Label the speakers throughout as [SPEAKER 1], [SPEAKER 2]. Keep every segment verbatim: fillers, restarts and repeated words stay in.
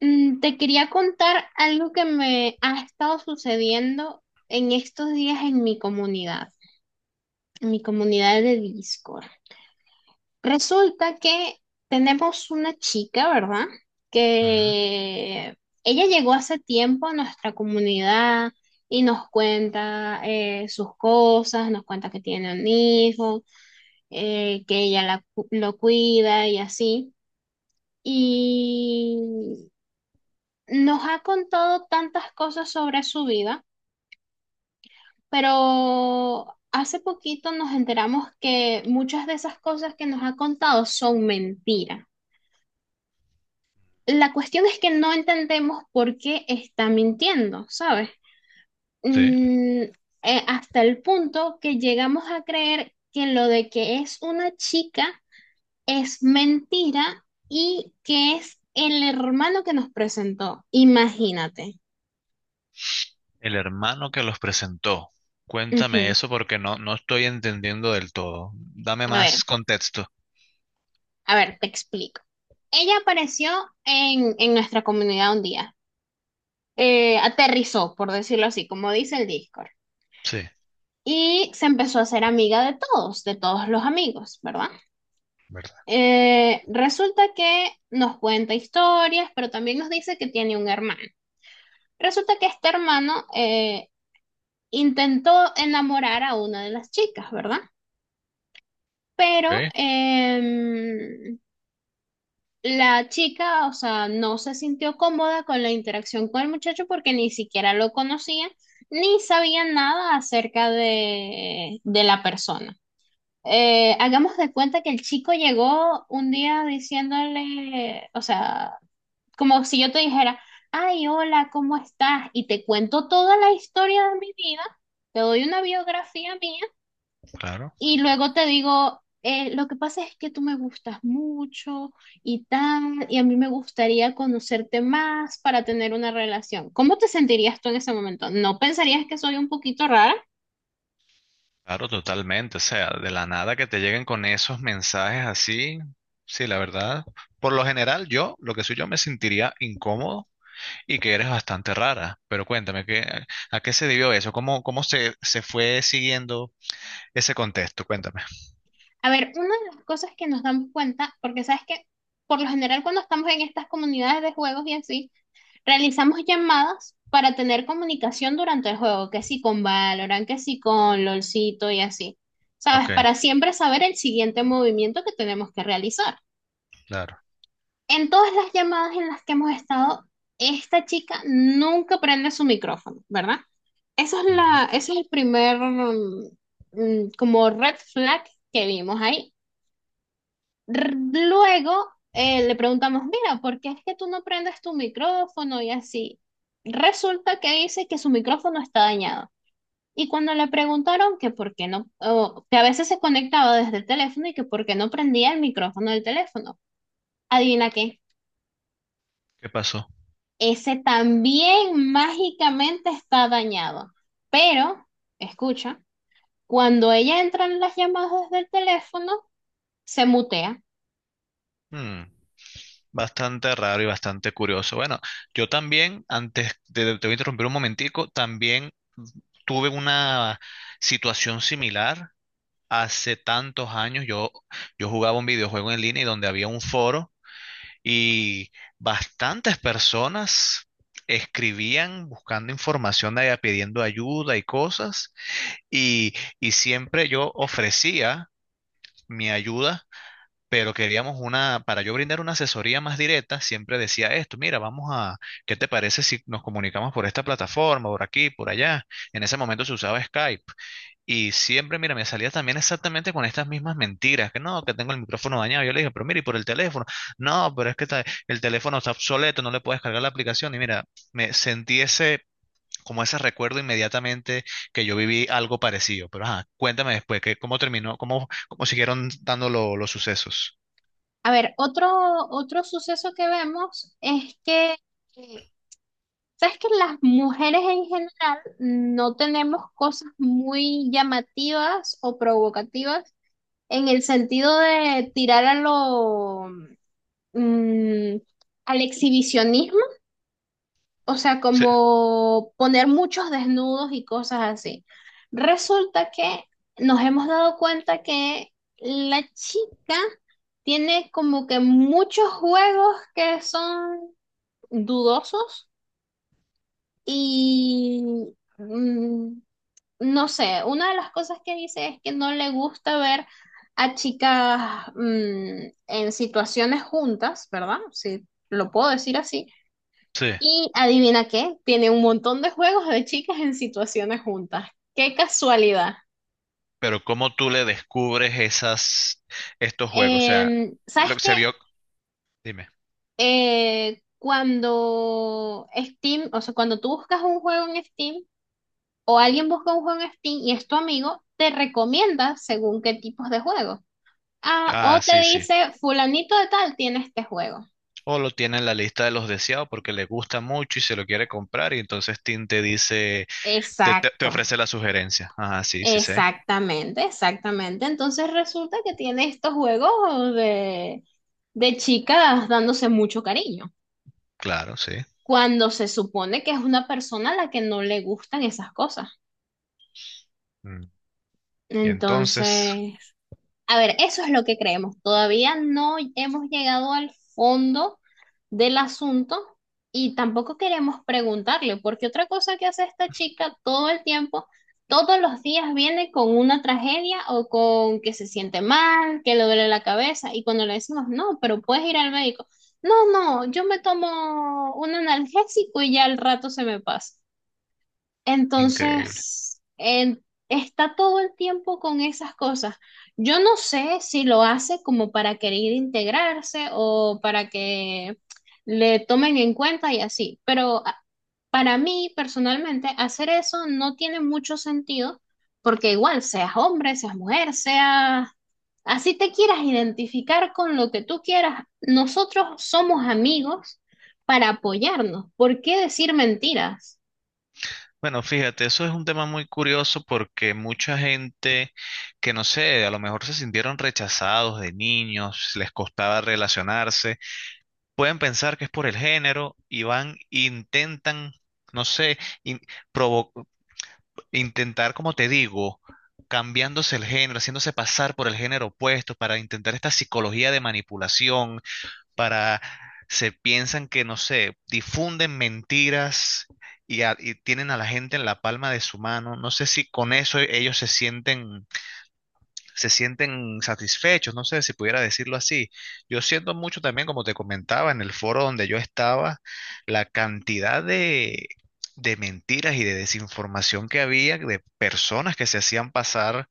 [SPEAKER 1] Mm, Te quería contar algo que me ha estado sucediendo en estos días en mi comunidad, en mi comunidad de Discord. Resulta que tenemos una chica, ¿verdad?
[SPEAKER 2] Ujú.
[SPEAKER 1] Que ella llegó hace tiempo a nuestra comunidad y nos cuenta eh, sus cosas, nos cuenta que tiene un hijo, eh, que ella la cu- lo cuida y así. Y nos ha contado tantas cosas sobre su vida, pero hace poquito nos enteramos que muchas de esas cosas que nos ha contado son mentiras. La cuestión es que no entendemos por qué está mintiendo, ¿sabes?
[SPEAKER 2] Sí,
[SPEAKER 1] Mm, eh, hasta el punto que llegamos a creer que lo de que es una chica es mentira y que es el hermano que nos presentó. Imagínate.
[SPEAKER 2] el hermano que los presentó.
[SPEAKER 1] Ujú.
[SPEAKER 2] Cuéntame eso porque no, no estoy entendiendo del todo. Dame
[SPEAKER 1] A ver.
[SPEAKER 2] más contexto.
[SPEAKER 1] A ver, te explico. Ella apareció en, en nuestra comunidad un día. Eh, aterrizó, por decirlo así, como dice el Discord.
[SPEAKER 2] Sí,
[SPEAKER 1] Y se empezó a hacer amiga de todos, de todos los amigos, ¿verdad?
[SPEAKER 2] ¿verdad?
[SPEAKER 1] Eh, resulta que nos cuenta historias, pero también nos dice que tiene un hermano. Resulta que este hermano eh, intentó enamorar a una de las chicas, ¿verdad? Pero
[SPEAKER 2] Ok,
[SPEAKER 1] em, la chica, o sea, no se sintió cómoda con la interacción con el muchacho porque ni siquiera lo conocía ni sabía nada acerca de, de la persona. Eh, hagamos de cuenta que el chico llegó un día diciéndole, o sea, como si yo te dijera, ay, hola, ¿cómo estás? Y te cuento toda la historia de mi vida, te doy una biografía mía
[SPEAKER 2] claro,
[SPEAKER 1] y luego te digo, eh, lo que pasa es que tú me gustas mucho y tal, y a mí me gustaría conocerte más para tener una relación. ¿Cómo te sentirías tú en ese momento? ¿No pensarías que soy un poquito rara?
[SPEAKER 2] claro, totalmente. O sea, de la nada que te lleguen con esos mensajes así. Sí, la verdad. Por lo general, yo, lo que soy yo, me sentiría incómodo y que eres bastante rara. Pero cuéntame, ¿qué, a qué se debió eso? ¿Cómo, cómo se, se fue siguiendo ese contexto? Cuéntame.
[SPEAKER 1] A ver, una de las cosas que nos damos cuenta, porque sabes que por lo general cuando estamos en estas comunidades de juegos y así, realizamos llamadas para tener comunicación durante el juego, que sí con Valorant, que sí con LOLcito y así.
[SPEAKER 2] Ok,
[SPEAKER 1] ¿Sabes? Para siempre saber el siguiente movimiento que tenemos que realizar.
[SPEAKER 2] claro.
[SPEAKER 1] En todas las llamadas en las que hemos estado, esta chica nunca prende su micrófono, ¿verdad? Eso es
[SPEAKER 2] Ujú.
[SPEAKER 1] la, ese es el primer mm, mm, como red flag que vimos ahí. R- Luego eh, le preguntamos, mira, ¿por qué es que tú no prendes tu micrófono y así? Resulta que dice que su micrófono está dañado. Y cuando le preguntaron que por qué no, o que a veces se conectaba desde el teléfono y que por qué no prendía el micrófono del teléfono, adivina qué.
[SPEAKER 2] ¿Qué pasó?
[SPEAKER 1] Ese también mágicamente está dañado. Pero, escucha, cuando ella entra en las llamadas del teléfono, se mutea.
[SPEAKER 2] Mm. Bastante raro y bastante curioso. Bueno, yo también, antes de, te voy a interrumpir un momentico, también tuve una situación similar hace tantos años. Yo, yo jugaba un videojuego en línea y donde había un foro y bastantes personas escribían buscando información allá, pidiendo ayuda y cosas. Y, y siempre yo ofrecía mi ayuda, pero queríamos una, para yo brindar una asesoría más directa, siempre decía esto, mira, vamos a, ¿qué te parece si nos comunicamos por esta plataforma, por aquí, por allá? En ese momento se usaba Skype y siempre, mira, me salía también exactamente con estas mismas mentiras, que no, que tengo el micrófono dañado. Yo le dije, pero mira, y por el teléfono, no, pero es que está- el teléfono está obsoleto, no le puedes cargar la aplicación y mira, me sentí ese, como ese recuerdo inmediatamente que yo viví algo parecido. Pero ajá, cuéntame después, que, ¿cómo terminó? ¿Cómo, cómo siguieron dando lo- los sucesos?
[SPEAKER 1] A ver, otro, otro suceso que vemos es que, eh, ¿sabes que las mujeres en general no tenemos cosas muy llamativas o provocativas en el sentido de tirar a lo, mm, al exhibicionismo? O sea, como poner muchos desnudos y cosas así. Resulta que nos hemos dado cuenta que la chica tiene como que muchos juegos que son dudosos y mm, no sé, una de las cosas que dice es que no le gusta ver a chicas mm, en situaciones juntas, ¿verdad? Si lo puedo decir así,
[SPEAKER 2] Sí,
[SPEAKER 1] y adivina qué, tiene un montón de juegos de chicas en situaciones juntas. ¡Qué casualidad!
[SPEAKER 2] pero ¿cómo tú le descubres esas, estos juegos? O sea,
[SPEAKER 1] Em,
[SPEAKER 2] lo
[SPEAKER 1] ¿sabes
[SPEAKER 2] que
[SPEAKER 1] qué?
[SPEAKER 2] se vio, dime.
[SPEAKER 1] Eh, cuando Steam, o sea, cuando tú buscas un juego en Steam o alguien busca un juego en Steam y es tu amigo, te recomienda según qué tipos de juegos. Ah,
[SPEAKER 2] Ah,
[SPEAKER 1] o te
[SPEAKER 2] sí, sí.
[SPEAKER 1] dice, fulanito de tal tiene este juego.
[SPEAKER 2] O lo tiene en la lista de los deseados porque le gusta mucho y se lo quiere comprar y entonces Tim te dice, te, te- te
[SPEAKER 1] Exacto.
[SPEAKER 2] ofrece la sugerencia. Ah, sí, sí sé.
[SPEAKER 1] Exactamente, exactamente. Entonces resulta que tiene estos juegos de, de chicas dándose mucho cariño,
[SPEAKER 2] Claro, sí.
[SPEAKER 1] cuando se supone que es una persona a la que no le gustan esas cosas.
[SPEAKER 2] Mm. Y entonces,
[SPEAKER 1] Entonces, a ver, eso es lo que creemos. Todavía no hemos llegado al fondo del asunto y tampoco queremos preguntarle, porque otra cosa que hace esta chica todo el tiempo, todos los días viene con una tragedia o con que se siente mal, que le duele la cabeza y cuando le decimos, no, pero puedes ir al médico. No, no, yo me tomo un analgésico y ya al rato se me pasa.
[SPEAKER 2] increíble.
[SPEAKER 1] Entonces, en- está todo el tiempo con esas cosas. Yo no sé si lo hace como para querer integrarse o para que le tomen en cuenta y así, pero a- para mí personalmente hacer eso no tiene mucho sentido porque igual seas hombre, seas mujer, seas... Así te quieras identificar con lo que tú quieras, nosotros somos amigos para apoyarnos. ¿Por qué decir mentiras?
[SPEAKER 2] Bueno, fíjate, eso es un tema muy curioso porque mucha gente que no sé, a lo mejor se sintieron rechazados de niños, les costaba relacionarse pueden pensar que es por el género y van, intentan, no sé, in- provo- intentar, como te digo, cambiándose el género, haciéndose pasar por el género opuesto para intentar esta psicología de manipulación, para, se piensan que, no sé, difunden mentiras y, a- y tienen a la gente en la palma de su mano. No sé si con eso ellos se sienten, se sienten satisfechos, no sé si pudiera decirlo así. Yo siento mucho también, como te comentaba, en el foro donde yo estaba, la cantidad de, de mentiras y de desinformación que había de personas que se hacían pasar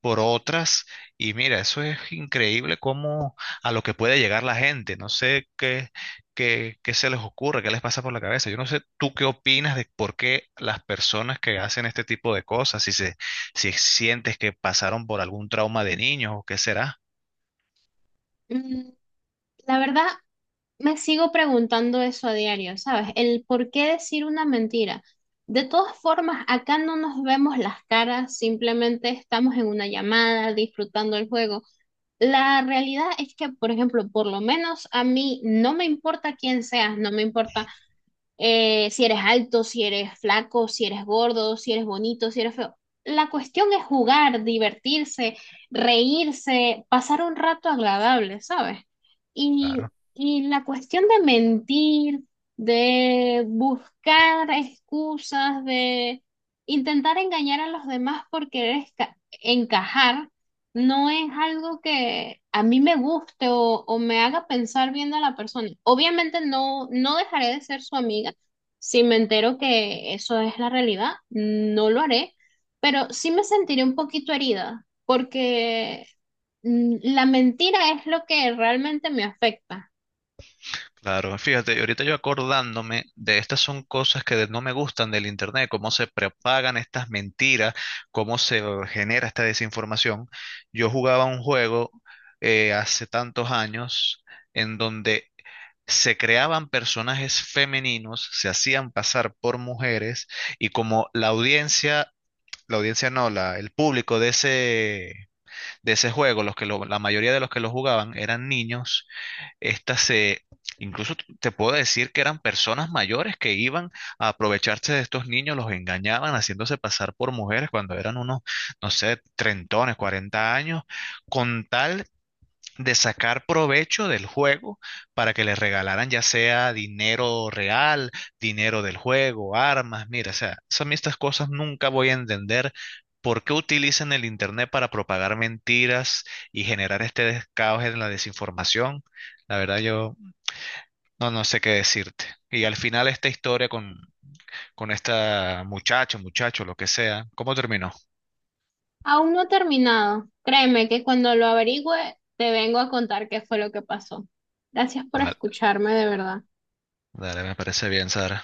[SPEAKER 2] por otras. Y mira, eso es increíble cómo a lo que puede llegar la gente. No sé qué, qué, qué se les ocurre, qué les pasa por la cabeza. Yo no sé tú qué opinas de por qué las personas que hacen este tipo de cosas, si se, si sientes que pasaron por algún trauma de niños o qué será.
[SPEAKER 1] La verdad, me sigo preguntando eso a diario, ¿sabes? El por qué decir una mentira. De todas formas, acá no nos vemos las caras, simplemente estamos en una llamada, disfrutando el juego. La realidad es que, por ejemplo, por lo menos a mí no me importa quién seas, no me importa eh, si eres alto, si eres flaco, si eres gordo, si eres bonito, si eres feo. La cuestión es jugar, divertirse, reírse, pasar un rato agradable, ¿sabes? Y,
[SPEAKER 2] Claro.
[SPEAKER 1] y la cuestión de mentir, de buscar excusas, de intentar engañar a los demás por querer esca- encajar, no es algo que a mí me guste o, o me haga pensar bien de la persona. Obviamente no, no dejaré de ser su amiga si me entero que eso es la realidad, no lo haré, pero sí me sentiré un poquito herida porque mm, la mentira es lo que realmente me afecta.
[SPEAKER 2] Claro, fíjate, y ahorita yo acordándome de estas son cosas que de- no me gustan del internet, cómo se propagan estas mentiras, cómo se genera esta desinformación. Yo jugaba un juego eh, hace tantos años en donde se creaban personajes femeninos, se hacían pasar por mujeres y como la audiencia, la audiencia no, la, el público de ese, de ese juego, los que lo- la mayoría de los que lo jugaban eran niños estas se, incluso te puedo decir que eran personas mayores que iban a aprovecharse de estos niños, los engañaban haciéndose pasar por mujeres cuando eran unos, no sé, trentones, cuarenta años, con tal de sacar provecho del juego para que les regalaran ya sea dinero real, dinero del juego, armas, mira, o sea, son estas cosas nunca voy a entender por qué utilizan el internet para propagar mentiras y generar este caos en la desinformación. La verdad yo no, no sé qué decirte. Y al final esta historia con, con esta muchacho, muchacho, lo que sea, ¿cómo terminó?
[SPEAKER 1] Aún no he terminado. Créeme que cuando lo averigüe te vengo a contar qué fue lo que pasó. Gracias por
[SPEAKER 2] Vale,
[SPEAKER 1] escucharme, de verdad.
[SPEAKER 2] dale, me parece bien, Sara.